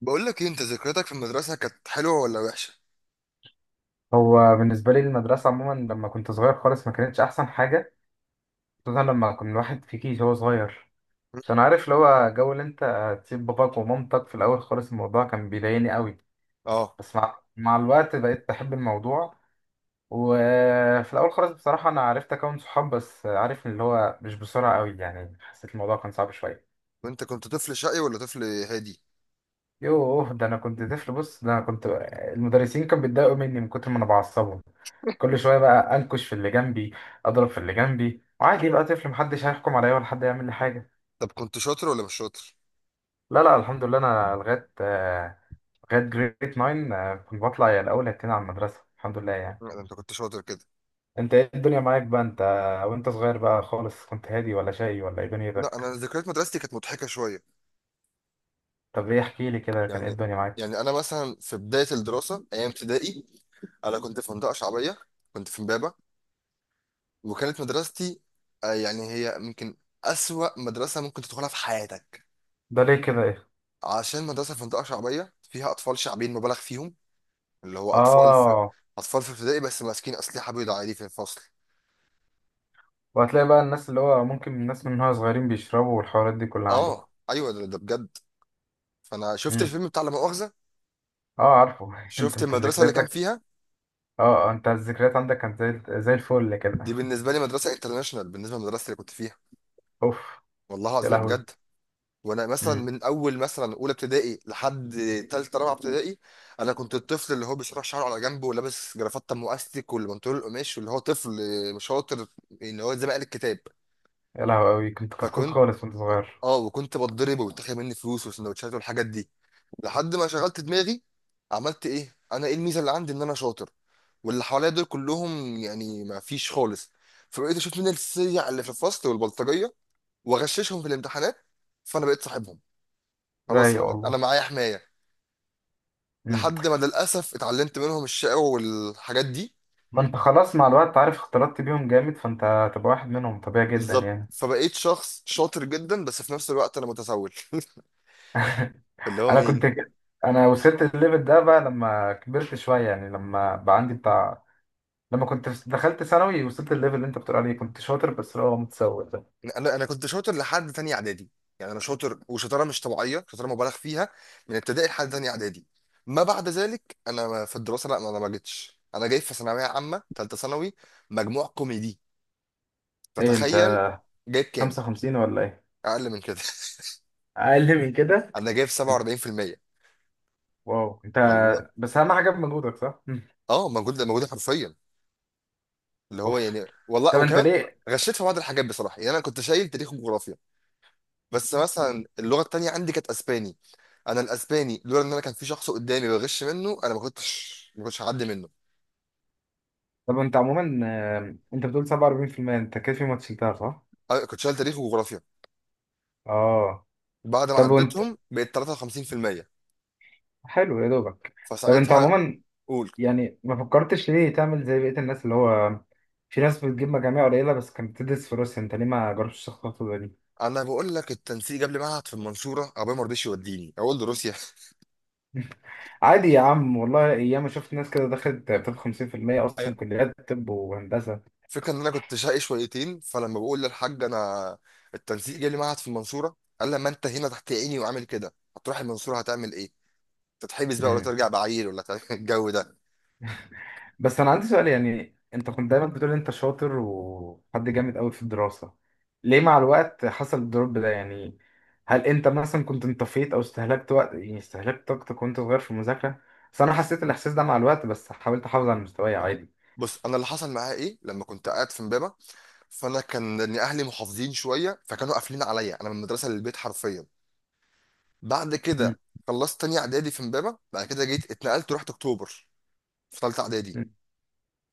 بقول لك ايه، انت ذكرياتك في المدرسه كانت حلوه ولا وحشه؟ هو بالنسبة لي المدرسة عموما لما كنت صغير خالص ما كانتش أحسن حاجة. خصوصا لما كان الواحد في كيش هو صغير، م? عشان عارف اللي هو جو اللي أنت تسيب باباك ومامتك. في الأول خالص الموضوع كان بيضايقني قوي، اه. بس مع الوقت بقيت بحب الموضوع. وفي الأول خالص بصراحة أنا عرفت أكون صحاب، بس عارف اللي هو مش بسرعة قوي، يعني حسيت الموضوع كان صعب شوية. وانت كنت طفل شقي ولا طفل هادي؟ يوه، ده انا كنت طفل. بص، ده انا كنت المدرسين كانوا بيتضايقوا مني من كتر ما انا بعصبهم. كل شويه بقى انكش في اللي جنبي، اضرب في اللي جنبي، وعادي بقى طفل، محدش هيحكم عليا ولا حد يعمل لي حاجه. طب كنت شاطر ولا مش شاطر؟ لا لا، الحمد لله، انا لغايه لغايه جريد 9، كنت بطلع يا الاول هتين على المدرسه، الحمد لله يعني. لا ده انت كنت شاطر كده. انت ايه الدنيا معاك بقى انت؟ وانت صغير بقى خالص كنت هادي ولا شقي ولا ايه لا انا دنيتك؟ ذكريات مدرستي كانت مضحكه شويه. طب ايه، احكي لي كده، كان ايه يعني الدنيا معاك؟ انا مثلا في بدايه الدراسه ايام ابتدائي انا كنت في منطقه شعبيه، كنت في امبابه، وكانت مدرستي يعني هي يمكن اسوأ مدرسه ممكن تدخلها في حياتك. ده ليه كده؟ ايه؟ عشان مدرسه في منطقه شعبيه فيها اطفال شعبيين مبالغ فيهم، اللي هو اطفال في اه، اطفال في ابتدائي بس ماسكين اسلحه بيضاء عادي في الفصل. وهتلاقي بقى الناس اللي هو ممكن الناس من وهي صغيرين بيشربوا والحوارات دي كلها اه عندكم. ايوه، ده بجد. فانا شفت امم. الفيلم بتاع لا مؤاخذه، اه، عارفه. انت شفت انت المدرسه اللي كان ذكرياتك. فيها. اه، آه، انت الذكريات عندك كانت زي الفل كده. دي بالنسبه لي مدرسه انترناشونال بالنسبه للمدرسه اللي كنت فيها، اوف. والله يا العظيم لهوي. بجد. وانا مثلا امم. من اول مثلا اولى ابتدائي لحد ثالثه رابعه ابتدائي انا كنت الطفل اللي هو بيشرح شعره على جنبه ولابس جرافته ام الاستيك والبنطلون القماش واللي هو طفل مش شاطر، اللي هو زي ما قال الكتاب. يا لهوي، قوي كنت كتكوت فكنت، خالص وانت صغير. اه، وكنت بتضرب وبيتاخد مني فلوس وسندوتشات والحاجات دي. لحد ما شغلت دماغي، عملت ايه؟ انا ايه الميزه اللي عندي؟ ان انا شاطر واللي حواليا دول كلهم يعني ما فيش خالص. فبقيت اشوف مين السيع اللي في الفصل والبلطجيه واغششهم في الامتحانات، فانا بقيت صاحبهم. خلاص رايق انا والله. انا معايا حمايه. امم. لحد ما للاسف اتعلمت منهم الشقاوه والحاجات دي. فانت خلاص مع الوقت، عارف، اختلطت بيهم جامد، فانت هتبقى واحد منهم طبيعي جدا بالظبط. يعني. فبقيت شخص شاطر جدا بس في نفس الوقت انا متسول اللي هو انا كنت مين؟ ك- انا وصلت الليفل ده بقى لما كبرت شويه، يعني لما بقى عندي بتاع. دخلت ثانوي، وصلت الليفل اللي انت بتقول عليه، كنت شاطر بس اللي هو متسوق. انا كنت شاطر لحد تانية اعدادي. يعني انا شاطر، وشطاره مش طبيعيه، شطاره مبالغ فيها، من ابتدائي لحد تانية اعدادي. ما بعد ذلك انا في الدراسه لا، انا ما جيتش. انا جاي في ثانويه عامه ثالثه ثانوي مجموع كوميدي، ايه انت، فتخيل. جايب كام؟ 55 ولا ايه؟ اقل من كده. اقل من كده؟ انا جايب انت؟ 47%، واو، انت. والله. بس اهم حاجه بمجهودك، صح. مم. اه موجود موجود حرفيا، اللي هو اوف. يعني والله. طب انت وكمان ليه؟ غشيت في بعض الحاجات بصراحه، يعني انا كنت شايل تاريخ وجغرافيا. بس مثلا اللغه التانيه عندي كانت اسباني، انا الاسباني لولا ان انا كان في شخص قدامي بغش منه انا ما كنتش هعدي منه. طب انت عموما، آه، انت بتقول 47%. انت كده في ماتش شلتها، صح؟ أنا كنت شايل تاريخ وجغرافيا، اه. بعد ما طب وانت، عديتهم بقيت 53%. حلو يا دوبك. طب انت فساعتها، عموما، قول. يعني ما فكرتش ليه تعمل زي بقيه الناس اللي هو في ناس بتجيب مجاميع قليله بس كانت بتدرس في روسيا، انت ليه ما جربتش الخطوه دي؟ انا بقول لك التنسيق قبل معهد في المنصوره، ابويا ما رضيش يوديني اقول له روسيا. عادي يا عم والله، ايام ما شفت ناس كده دخلت طب 50%، اصلا أيوة. كليات طب وهندسه. فكرة ان انا كنت شقي شويتين، فلما بقول للحاج انا التنسيق جالي معهد في المنصوره، قال لي: ما انت هنا تحت عيني وعامل كده، هتروح المنصوره هتعمل ايه؟ تتحبس بقى، ولا مم. ترجع بعيل، ولا تعمل الجو ده. بس انا عندي سؤال، يعني انت كنت دايما بتقول انت شاطر وحد جامد قوي في الدراسة، ليه مع الوقت حصل الدروب ده يعني؟ هل انت مثلا كنت انطفيت او استهلكت وقت، يعني استهلكت طاقتك وانت صغير في المذاكرة؟ بس انا حسيت الاحساس ده مع الوقت، بس حاولت احافظ على مستواي عادي. بص، انا اللي حصل معايا ايه، لما كنت قاعد في امبابه فانا كان إن اهلي محافظين شويه، فكانوا قافلين عليا انا من المدرسه للبيت حرفيا. بعد مم. كده خلصت تانية اعدادي في امبابه، بعد كده جيت اتنقلت ورحت اكتوبر في ثالثه اعدادي. مم.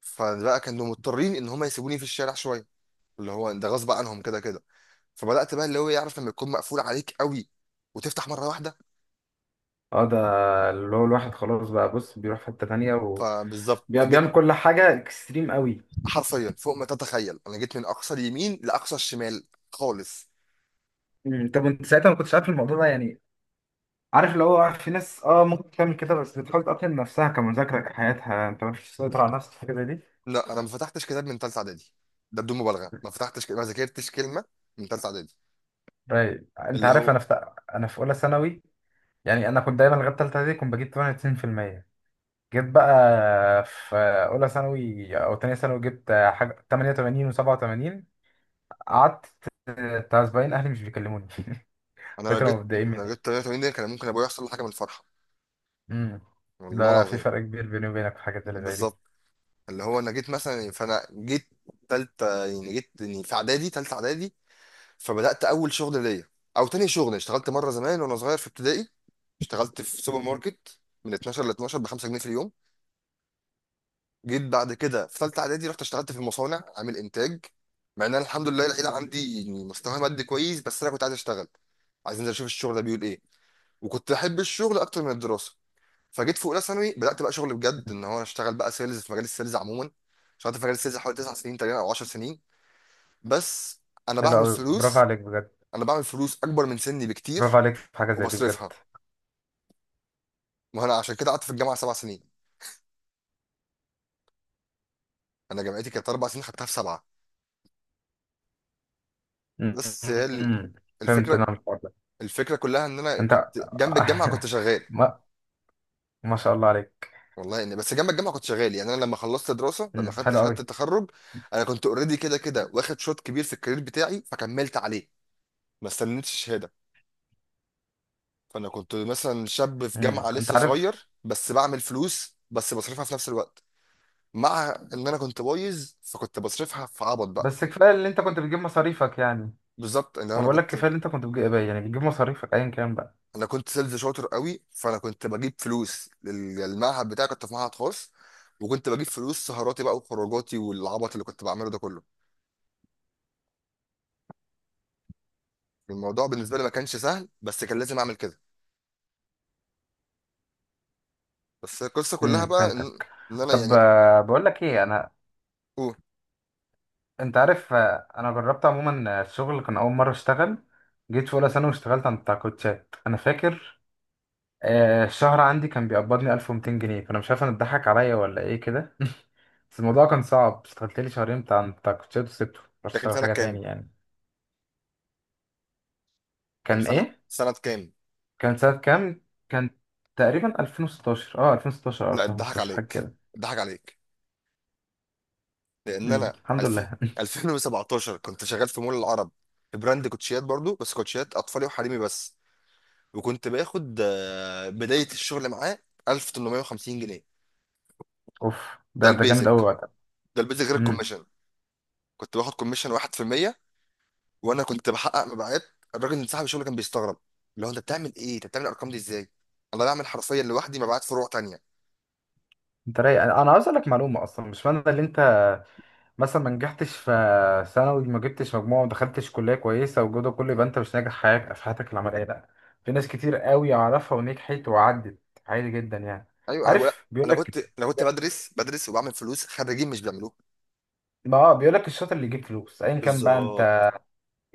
فبقى كانوا مضطرين ان هم يسيبوني في الشارع شويه، اللي هو ده غصب عنهم كده كده. فبدات بقى، اللي هو يعرف لما يكون مقفول عليك قوي وتفتح مره واحده. اه ده اللي هو الواحد خلاص بقى، بص، بيروح في حتة تانية فبالظبط وبيعمل جيت كل حاجة اكستريم قوي. حرفيا فوق ما تتخيل، انا جيت من اقصى اليمين لاقصى الشمال خالص. مم. طب انت ساعتها ما كنتش عارف الموضوع ده يعني؟ عارف اللي هو في ناس اه ممكن تعمل كده، بس بتحاول تقتل نفسها كمذاكرة كحياتها، انت مش تسيطر على نفسك في حاجة زي دي. لا، انا ما فتحتش كتاب من ثالثه اعدادي، ده بدون مبالغه، ما فتحتش ك- ما ذاكرتش كلمه من ثالثه اعدادي. رايق. انت اللي عارف، هو، انا في اولى ثانوي، يعني انا كنت دايما لغايه ثالثه دي كنت بجيب 98%. جيت بقى في اولى ثانوي او ثانيه ثانوي، جبت حاجه 88 و87. قعدت بتاع اسبوعين اهلي مش بيكلموني. انا لو كنت لما جيت متضايقين لو مني. جيت 88 دي كان ممكن ابويا يحصل له حاجه من الفرحه، امم. والله ده في العظيم. فرق كبير بيني وبينك في الحاجات اللي زي دي. بالظبط، اللي هو انا جيت مثلا، فانا جيت ثالثه، يعني جيت يعني في اعدادي ثالثه اعدادي. فبدات اول شغل ليا، او تاني شغل، اشتغلت مره زمان وانا صغير في ابتدائي، اشتغلت في سوبر ماركت من 12 ل 12 ب 5 جنيه في اليوم. جيت بعد كده في ثالثه اعدادي رحت اشتغلت في المصانع عامل انتاج، مع ان انا الحمد لله العيله عندي يعني مستوى مادي كويس، بس انا كنت عايز اشتغل، عايز انزل اشوف الشغل ده بيقول ايه، وكنت احب الشغل اكتر من الدراسه. فجيت في اولى ثانوي بدات بقى شغل بجد، ان هو انا اشتغل بقى سيلز، في مجال السيلز عموما اشتغلت في مجال السيلز حوالي 9 سنين تقريبا او 10 سنين. بس انا حلو بعمل قوي، برافو فلوس عليك بجد. انا بعمل فلوس اكبر من سني برافو بكتير عليك في حاجه زي دي وبصرفها. بجد. ما انا عشان كده قعدت في الجامعه سبع سنين، انا جامعتي كانت اربع سنين خدتها في سبعه. بس هي أمم. فهمت الفكره، انا الحوار ده. الفكره كلها ان انا انت. كنت جنب الجامعه كنت شغال. ما ما شاء الله عليك. والله اني بس جنب الجامعه كنت شغال، يعني انا لما خلصت دراسه لما أمم، خدت حلو شهاده قوي. التخرج انا كنت اوريدي كده كده واخد شوط كبير في الكارير بتاعي فكملت عليه، ما استنيتش شهاده. فانا كنت مثلا شاب في أمم، جامعه انت لسه عارف. صغير بس بعمل فلوس، بس بصرفها في نفس الوقت مع ان انا كنت بايظ فكنت بصرفها في عبط بقى. بس كفايه اللي انت كنت بتجيب مصاريفك يعني. بالظبط ان ما انا بقول لك كنت، كفايه اللي انت كنت بتجيب، يعني بتجيب مصاريفك ايا كان بقى. انا كنت سيلز شاطر قوي، فانا كنت بجيب فلوس المعهد بتاعي، كنت في معهد خاص، وكنت بجيب فلوس سهراتي بقى وخروجاتي والعبط اللي كنت بعمله ده كله. الموضوع بالنسبه لي ما كانش سهل بس كان لازم اعمل كده. بس القصه كلها امم، بقى فهمتك. إن انا طب يعني، آه، بقول لك ايه انا. اوه. انت عارف، آه، انا جربت عموما، آه، الشغل، كان اول مره اشتغل جيت في اولى ثانوي واشتغلت عند بتاع كوتشات، انا فاكر آه، الشهر عندي كان بيقبضني 1200 جنيه. فانا مش عارف انا اتضحك عليا ولا ايه كده. بس الموضوع كان صعب، اشتغلت لي شهرين بتاع كوتشات وسبته، رحت ده كان اشتغل سنه حاجه تاني كام؟ يعني. كان كان سنه ايه؟ كام؟ كان سنه كام؟ كان تقريبا 2016، اه 2016 او لا اتضحك 2015، حاجه عليك، كده. اتضحك عليك، لان امم، انا الحمد 2000، لله. 2017 كنت شغال في مول العرب، في براند كوتشيات برضو بس كوتشيات اطفالي وحريمي بس، وكنت باخد بداية الشغل معاه 1850 جنيه. اوف. ده ده جامد قوي البيزك، وقتها. ده البيزك غير امم. الكوميشن. كنت باخد كوميشن 1%، وانا كنت بحقق مبيعات. الراجل من صاحب الشغل كان بيستغرب، اللي هو انت بتعمل ايه؟ انت بتعمل الارقام دي ازاي؟ انا بعمل حرفيا لوحدي مبيعات فروع تانية. انت رايق. انا عاوز اقول لك معلومه، اصلا مش معنى اللي انت مثلا ما نجحتش في ثانوي، ما جبتش مجموعة وما دخلتش كلية كويسة والجو ده كله، يبقى انت مش ناجح حياتك في حياتك العملية، لا. في ناس كتير قوي اعرفها ونجحت وعدت، عادي جدا يعني. ايوه انا بقول، عارف بيقول انا كنت لك، انا كنت بدرس، بدرس وبعمل فلوس خريجين مش بيعملوها. ما اه بيقول لك الشاطر اللي يجيب فلوس ايا كان بقى، بالظبط. انت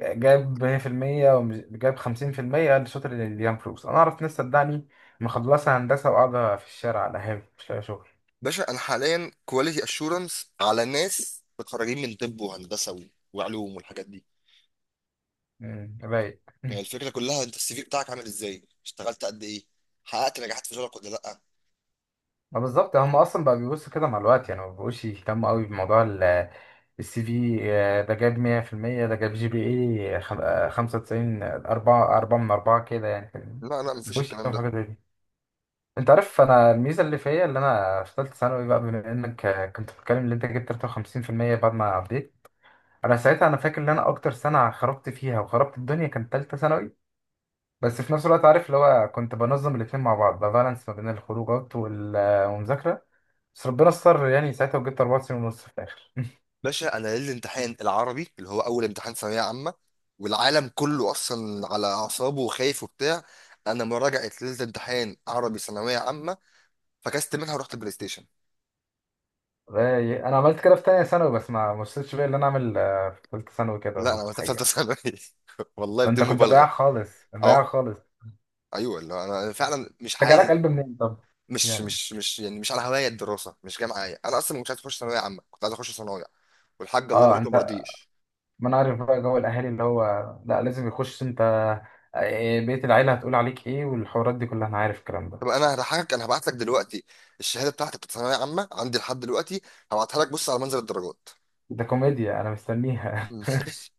جايب 100% وجايب 50%، الشاطر اللي يجيب فلوس. انا اعرف ناس، صدقني، مخلصة هندسة وقاعدة في الشارع على هاوي مش لاقي شغل. باشا انا حاليا كواليتي اشورنس على ناس متخرجين من طب وهندسه وعلوم والحاجات دي. مم، رايق. هي الفكرة كلها انت السي في بتاعك عامل ازاي، اشتغلت قد ايه، حققت نجاحات في شغلك ولا لا. ما بالظبط، هم اصلا بقى بيبصوا كده مع الوقت، يعني ما بيبقوش يهتموا قوي بموضوع السي في. آه، ده جاب 100%، ده جاب جي بي اي 95، 4 4 من 4 كده، يعني فاهمني؟ ما لا لا، مفيش بيبقوش الكلام يهتموا ده. بحاجه زي دي. انت عارف انا الميزه اللي فيا، اللي انا في ثالثه ثانوي بقى، بما انك آه، كنت بتتكلم ان انت جبت 53% بعد ما عديت. انا ساعتها انا فاكر ان انا اكتر سنه خربت فيها وخربت الدنيا كانت ثالثه ثانوي. بس في نفس الوقت، عارف اللي هو كنت بنظم الاتنين مع بعض، بالانس ما بين الخروجات والمذاكرة. بس ربنا استر يعني ساعتها، وجبت أربع سنين ونص في الآخر. باشا انا ليلة الامتحان العربي اللي هو اول امتحان ثانوية عامة، والعالم كله اصلا على اعصابه وخايف وبتاع، انا مراجعة ليلة امتحان عربي ثانوية عامة فكست منها ورحت بلاي ستيشن. أنا عملت كده في تانية ثانوي، بس ما وصلتش بقى اللي أنا أعمل آه، في تالتة ثانوي كده لا انا وقتها في ثالثة الحقيقة. ثانوي والله ده أنت بدون كنت بايع مبالغة. خالص، بايع اهو. خالص. ايوه اللي هو انا فعلا مش أنت جالك عايز، قلب منين طب؟ مش يعني مش مش يعني مش على هواية الدراسة، مش جاي معايا، انا اصلا مش عايز اخش ثانوية عامة، كنت عايز اخش صنايع، والحاج الله أه يبارك له أنت، مرضيش. ما أنا عارف بقى جو الأهالي اللي هو لا لازم يخش أنت، آه، بيت العيلة هتقول عليك إيه والحوارات دي كلها، أنا عارف الكلام ده. طب انا هضحكك، انا هبعت لك دلوقتي الشهاده بتاعتي بتاعت ثانويه عامه عندي لحد دلوقتي، هبعتها لك بص على منزل الدرجات. ده كوميديا، أنا مستنيها.